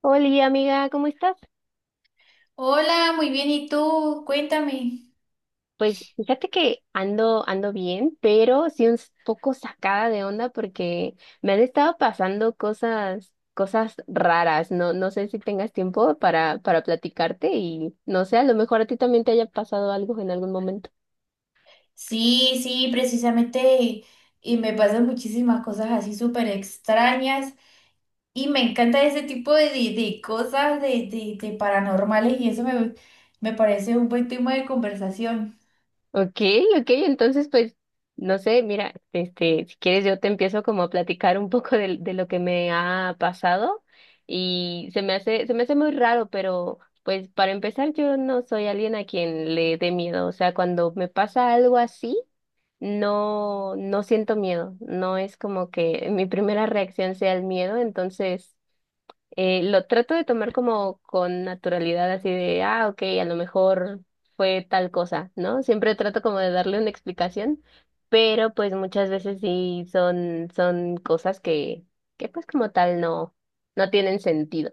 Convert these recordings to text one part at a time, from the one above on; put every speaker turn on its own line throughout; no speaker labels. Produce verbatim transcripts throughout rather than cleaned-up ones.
Hola, amiga, ¿cómo estás?
Hola, muy bien. ¿Y tú? Cuéntame.
Pues fíjate que ando, ando bien, pero sí un s- poco sacada de onda porque me han estado pasando cosas, cosas raras. No, no sé si tengas tiempo para, para platicarte y no sé, a lo mejor a ti también te haya pasado algo en algún momento.
Sí, sí, precisamente, y me pasan muchísimas cosas así súper extrañas y me encanta ese tipo de, de- de cosas de, de- de paranormales y eso me, me parece un buen tema de conversación.
Ok, ok, entonces pues, no sé, mira, este, si quieres yo te empiezo como a platicar un poco de, de lo que me ha pasado y se me hace, se me hace muy raro, pero pues para empezar yo no soy alguien a quien le dé miedo, o sea, cuando me pasa algo así, no, no siento miedo, no es como que mi primera reacción sea el miedo, entonces eh, lo trato de tomar como con naturalidad, así de, ah, ok, a lo mejor fue tal cosa, ¿no? Siempre trato como de darle una explicación, pero pues muchas veces sí son, son cosas que, que pues como tal no, no tienen sentido.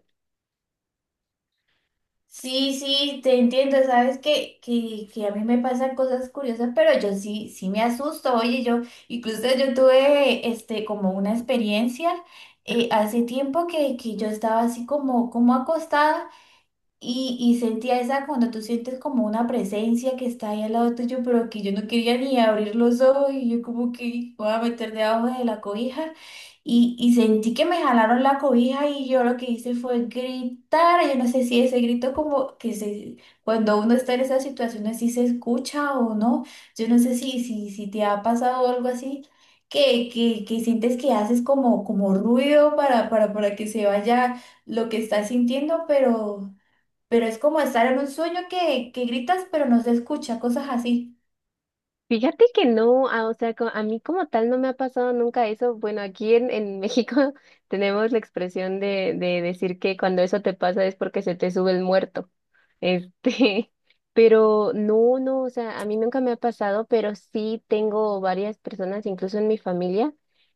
Sí, sí, te entiendo. Sabes que, que, que a mí me pasan cosas curiosas, pero yo sí, sí me asusto, oye, yo incluso yo tuve este, como una experiencia eh, hace tiempo que, que yo estaba así como, como acostada. Y, y sentía esa, cuando tú sientes como una presencia que está ahí al lado tuyo, pero que yo no quería ni abrir los ojos y yo como que voy a meter debajo de la cobija. Y, y sentí que me jalaron la cobija y yo lo que hice fue gritar. Yo no sé si ese grito como que se, cuando uno está en esas situaciones, si se escucha o no. Yo no sé si, si, si te ha pasado algo así. Que, que, que sientes que haces como, como ruido para, para, para que se vaya lo que estás sintiendo, pero pero es como estar en un sueño que, que gritas pero no se escucha, cosas así.
Fíjate que no, ah, o sea, co- a mí como tal no me ha pasado nunca eso. Bueno, aquí en, en México tenemos la expresión de, de decir que cuando eso te pasa es porque se te sube el muerto. Este, pero no, no, o sea, a mí nunca me ha pasado, pero sí tengo varias personas, incluso en mi familia,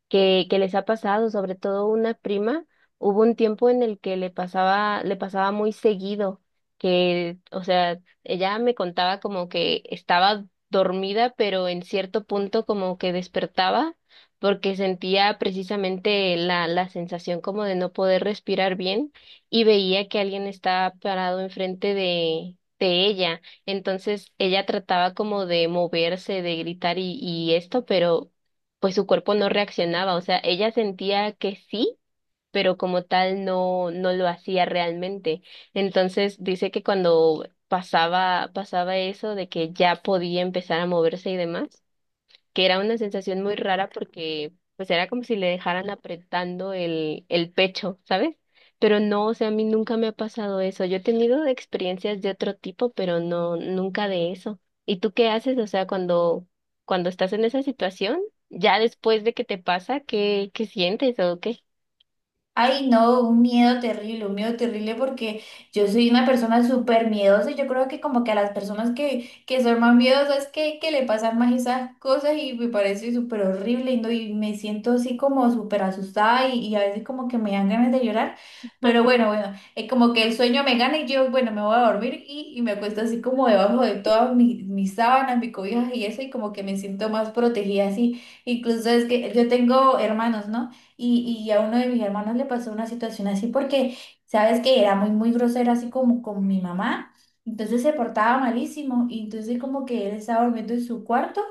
que, que les ha pasado, sobre todo una prima. Hubo un tiempo en el que le pasaba, le pasaba muy seguido, que, o sea, ella me contaba como que estaba dormida, pero en cierto punto como que despertaba porque sentía precisamente la, la sensación como de no poder respirar bien y veía que alguien estaba parado enfrente de, de ella. Entonces ella trataba como de moverse, de gritar y, y esto, pero pues su cuerpo no reaccionaba. O sea, ella sentía que sí, pero como tal no, no lo hacía realmente. Entonces dice que cuando pasaba, pasaba eso de que ya podía empezar a moverse y demás, que era una sensación muy rara porque pues era como si le dejaran apretando el, el pecho, ¿sabes? Pero no, o sea, a mí nunca me ha pasado eso. Yo he tenido experiencias de otro tipo, pero no, nunca de eso. ¿Y tú qué haces? O sea, cuando, cuando estás en esa situación, ya después de que te pasa, ¿qué, qué sientes o qué?
Ay, no, un miedo terrible, un miedo terrible, porque yo soy una persona súper miedosa y yo creo que como que a las personas que, que son más miedosas que, que le pasan más esas cosas, y me parece súper horrible y, no, y me siento así como súper asustada y, y a veces como que me dan ganas de llorar, pero bueno, bueno, es como que el sueño me gana y yo, bueno, me voy a dormir y, y me acuesto así como debajo de todas mis, mis sábanas, mis cobijas y eso, y como que me siento más protegida así. Incluso es que yo tengo hermanos, ¿no? Y, y a uno de mis hermanos le pasó una situación así, porque sabes que era muy, muy grosero así como con mi mamá. Entonces se portaba malísimo y entonces como que él estaba durmiendo en su cuarto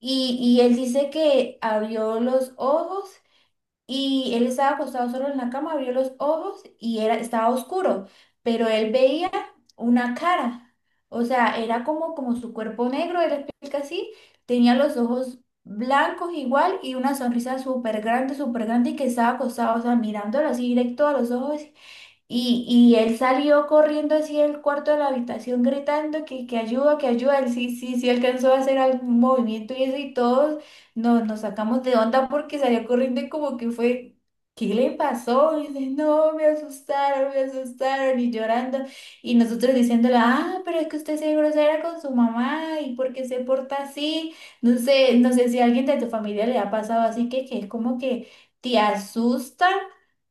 y, y él dice que abrió los ojos y él estaba acostado solo en la cama, abrió los ojos y era, estaba oscuro, pero él veía una cara. O sea, era como, como su cuerpo negro, él explica así, tenía los ojos blancos igual y una sonrisa súper grande, súper grande, y que estaba acostado, o sea, mirándolo así directo a los ojos. Y, y él salió corriendo así del cuarto de la habitación gritando que, que ayuda, que ayuda. Él sí, sí, sí alcanzó a hacer algún movimiento y eso, y todos nos, nos sacamos de onda porque salió corriendo y como que fue, ¿qué le pasó? Y dice, no, me asustaron, me asustaron, y llorando. Y nosotros diciéndole, ah, pero es que usted se grosera con su mamá y porque se porta así. No sé, no sé si a alguien de tu familia le ha pasado así que, que es como que te asusta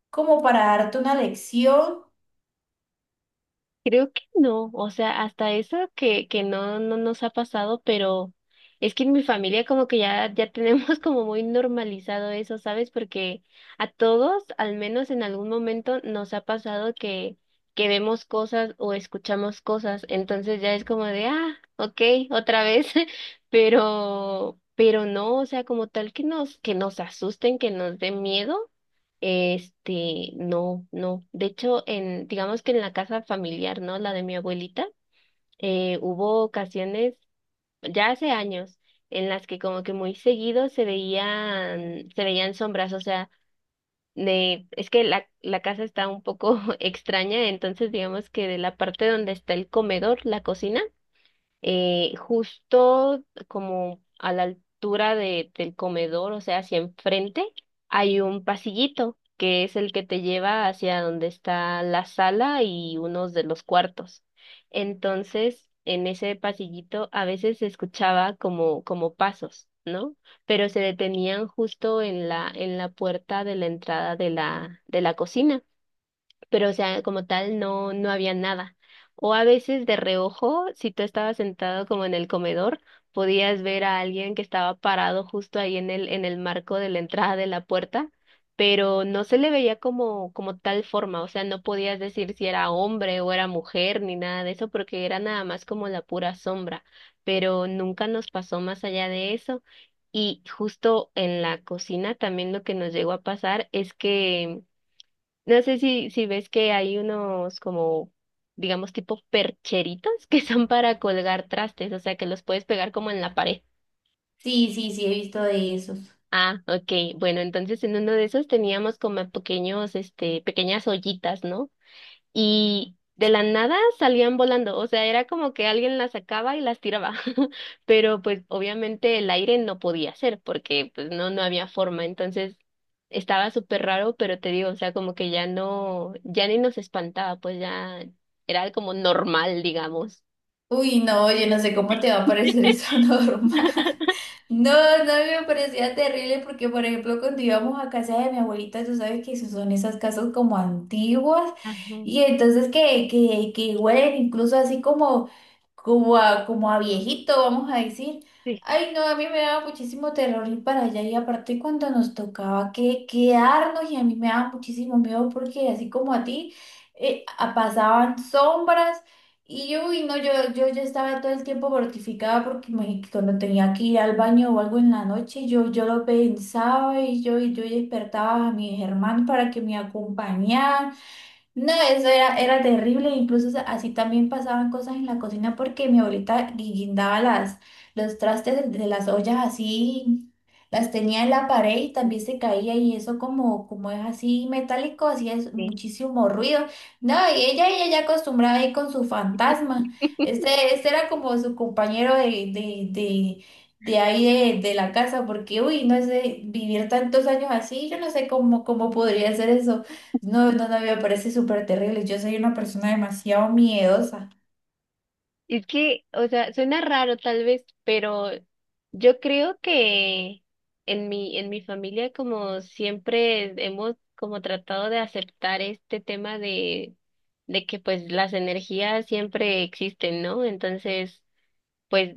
como para darte una lección.
Creo que no, o sea, hasta eso que, que no, no nos ha pasado, pero es que en mi familia como que ya, ya tenemos como muy normalizado eso, ¿sabes? Porque a todos, al menos en algún momento, nos ha pasado que, que vemos cosas o escuchamos cosas, entonces ya es como de, ah, ok, otra vez, pero, pero no, o sea, como tal que nos, que nos asusten, que nos den miedo. Este, no, no. De hecho, en, digamos que en la casa familiar, ¿no? La de mi abuelita, eh, hubo ocasiones, ya hace años, en las que como que muy seguido se veían, se veían sombras, o sea, de, es que la, la casa está un poco extraña, entonces digamos que de la parte donde está el comedor, la cocina, eh, justo como a la altura de, del comedor, o sea, hacia enfrente, hay un pasillito que es el que te lleva hacia donde está la sala y unos de los cuartos. Entonces, en ese pasillito a veces se escuchaba como, como pasos, ¿no? Pero se detenían justo en la, en la puerta de la entrada de la, de la cocina, pero o sea, como tal no, no había nada. O a veces de reojo, si tú estabas sentado como en el comedor, podías ver a alguien que estaba parado justo ahí en el, en el marco de la entrada de la puerta, pero no se le veía como, como tal forma, o sea, no podías decir si era hombre o era mujer ni nada de eso, porque era nada más como la pura sombra, pero nunca nos pasó más allá de eso. Y justo en la cocina también lo que nos llegó a pasar es que no sé si, si ves que hay unos como, digamos, tipo percheritos que son para colgar trastes, o sea, que los puedes pegar como en la pared.
Sí, sí, sí, he visto de esos.
Ah, ok. Bueno, entonces en uno de esos teníamos como pequeños, este, pequeñas ollitas, ¿no? Y de la nada salían volando, o sea, era como que alguien las sacaba y las tiraba, pero pues obviamente el aire no podía ser porque pues no, no había forma, entonces estaba súper raro, pero te digo, o sea, como que ya no, ya ni nos espantaba, pues ya era como normal, digamos.
Uy, no, yo no sé cómo te va a parecer eso normal. No, no me parecía terrible porque, por ejemplo, cuando íbamos a casa de mi abuelita, tú sabes que esos son esas casas como antiguas
Ajá,
y entonces que, que, que huelen incluso así como como a, como a viejito, vamos a decir.
sí.
Ay, no, a mí me daba muchísimo terror ir para allá, y aparte cuando nos tocaba que quedarnos y a mí me daba muchísimo miedo porque así como a ti, eh, a- pasaban sombras y yo, uy, no, yo, yo ya estaba todo el tiempo mortificada porque me- cuando tenía que ir al baño o algo en la noche, yo, yo lo pensaba y yo, y yo despertaba a mis hermanos para que me acompañaran. No, eso era, era terrible. Incluso sa- así también pasaban cosas en la cocina, porque mi abuelita gui- guindaba las, los trastes de, de las ollas así, las tenía en la pared y
Ok.
también se caía y eso como, como es así metálico, hacía es- muchísimo ruido. No, y ella, ella ya acostumbrada ahí con su fantasma. Este, este era como su compañero de, de, de, de ahí de, de la casa, porque uy, no sé, vivir tantos años así, yo no sé cómo, cómo podría ser eso. No, no, no, me parece súper terrible. Yo soy una persona demasiado miedosa.
Es que, o sea, suena raro tal vez, pero yo creo que en mi, en mi familia como siempre hemos como tratado de aceptar este tema de, de que pues las energías siempre existen, ¿no? Entonces, pues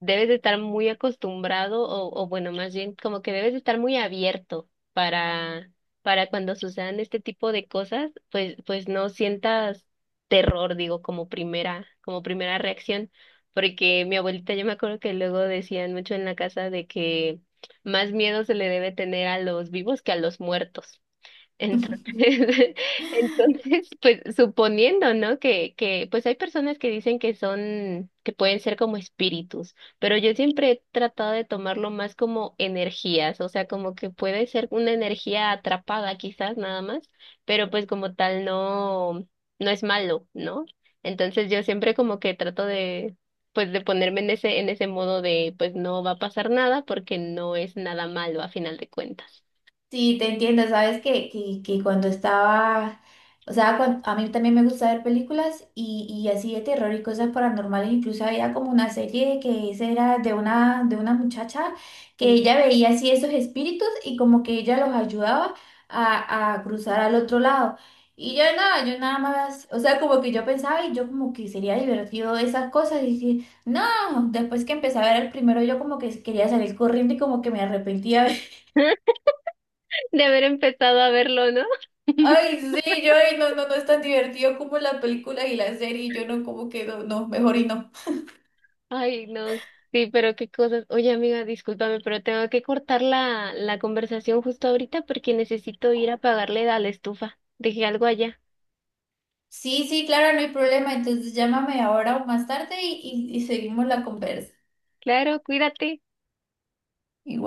debes de estar muy acostumbrado o, o bueno, más bien como que debes de estar muy abierto para, para cuando sucedan este tipo de cosas, pues, pues no sientas terror, digo, como primera, como primera reacción, porque mi abuelita yo me acuerdo que luego decían mucho en la casa de que más miedo se le debe tener a los vivos que a los muertos. Entonces, entonces, pues suponiendo, ¿no? Que, que, pues hay personas que dicen que son, que pueden ser como espíritus, pero yo siempre he tratado de tomarlo más como energías, o sea, como que puede ser una energía atrapada quizás nada más, pero pues como tal no, no es malo, ¿no? Entonces yo siempre como que trato de, pues de ponerme en ese, en ese modo de, pues no va a pasar nada porque no es nada malo a final de cuentas.
Sí, te entiendo. Sabes que, que, que cuando estaba, o sea, cuan- a mí también me gusta ver películas y, y así de terror y cosas paranormales. Incluso había como una serie que esa era de una, de una muchacha que ella veía así esos espíritus y como que ella los ayudaba a, a cruzar al otro lado. Y yo nada, yo nada más, o sea, como que yo pensaba y yo como que sería divertido esas cosas y dije, no, después que empecé a ver el primero yo como que quería salir corriendo y como que me arrepentía.
De haber empezado a verlo, ¿no?
Ay, sí, yo, ay, no, no, no es tan divertido como la película y la serie, y yo no, como que no, no, mejor y no.
Ay, no, sí, pero qué cosas. Oye, amiga, discúlpame, pero tengo que cortar la, la conversación justo ahorita porque necesito ir a pagarle a la estufa. Dejé algo allá.
Sí, sí, claro, no hay problema. Entonces llámame ahora o más tarde y, y y seguimos la conversa.
Claro, cuídate.
Igual.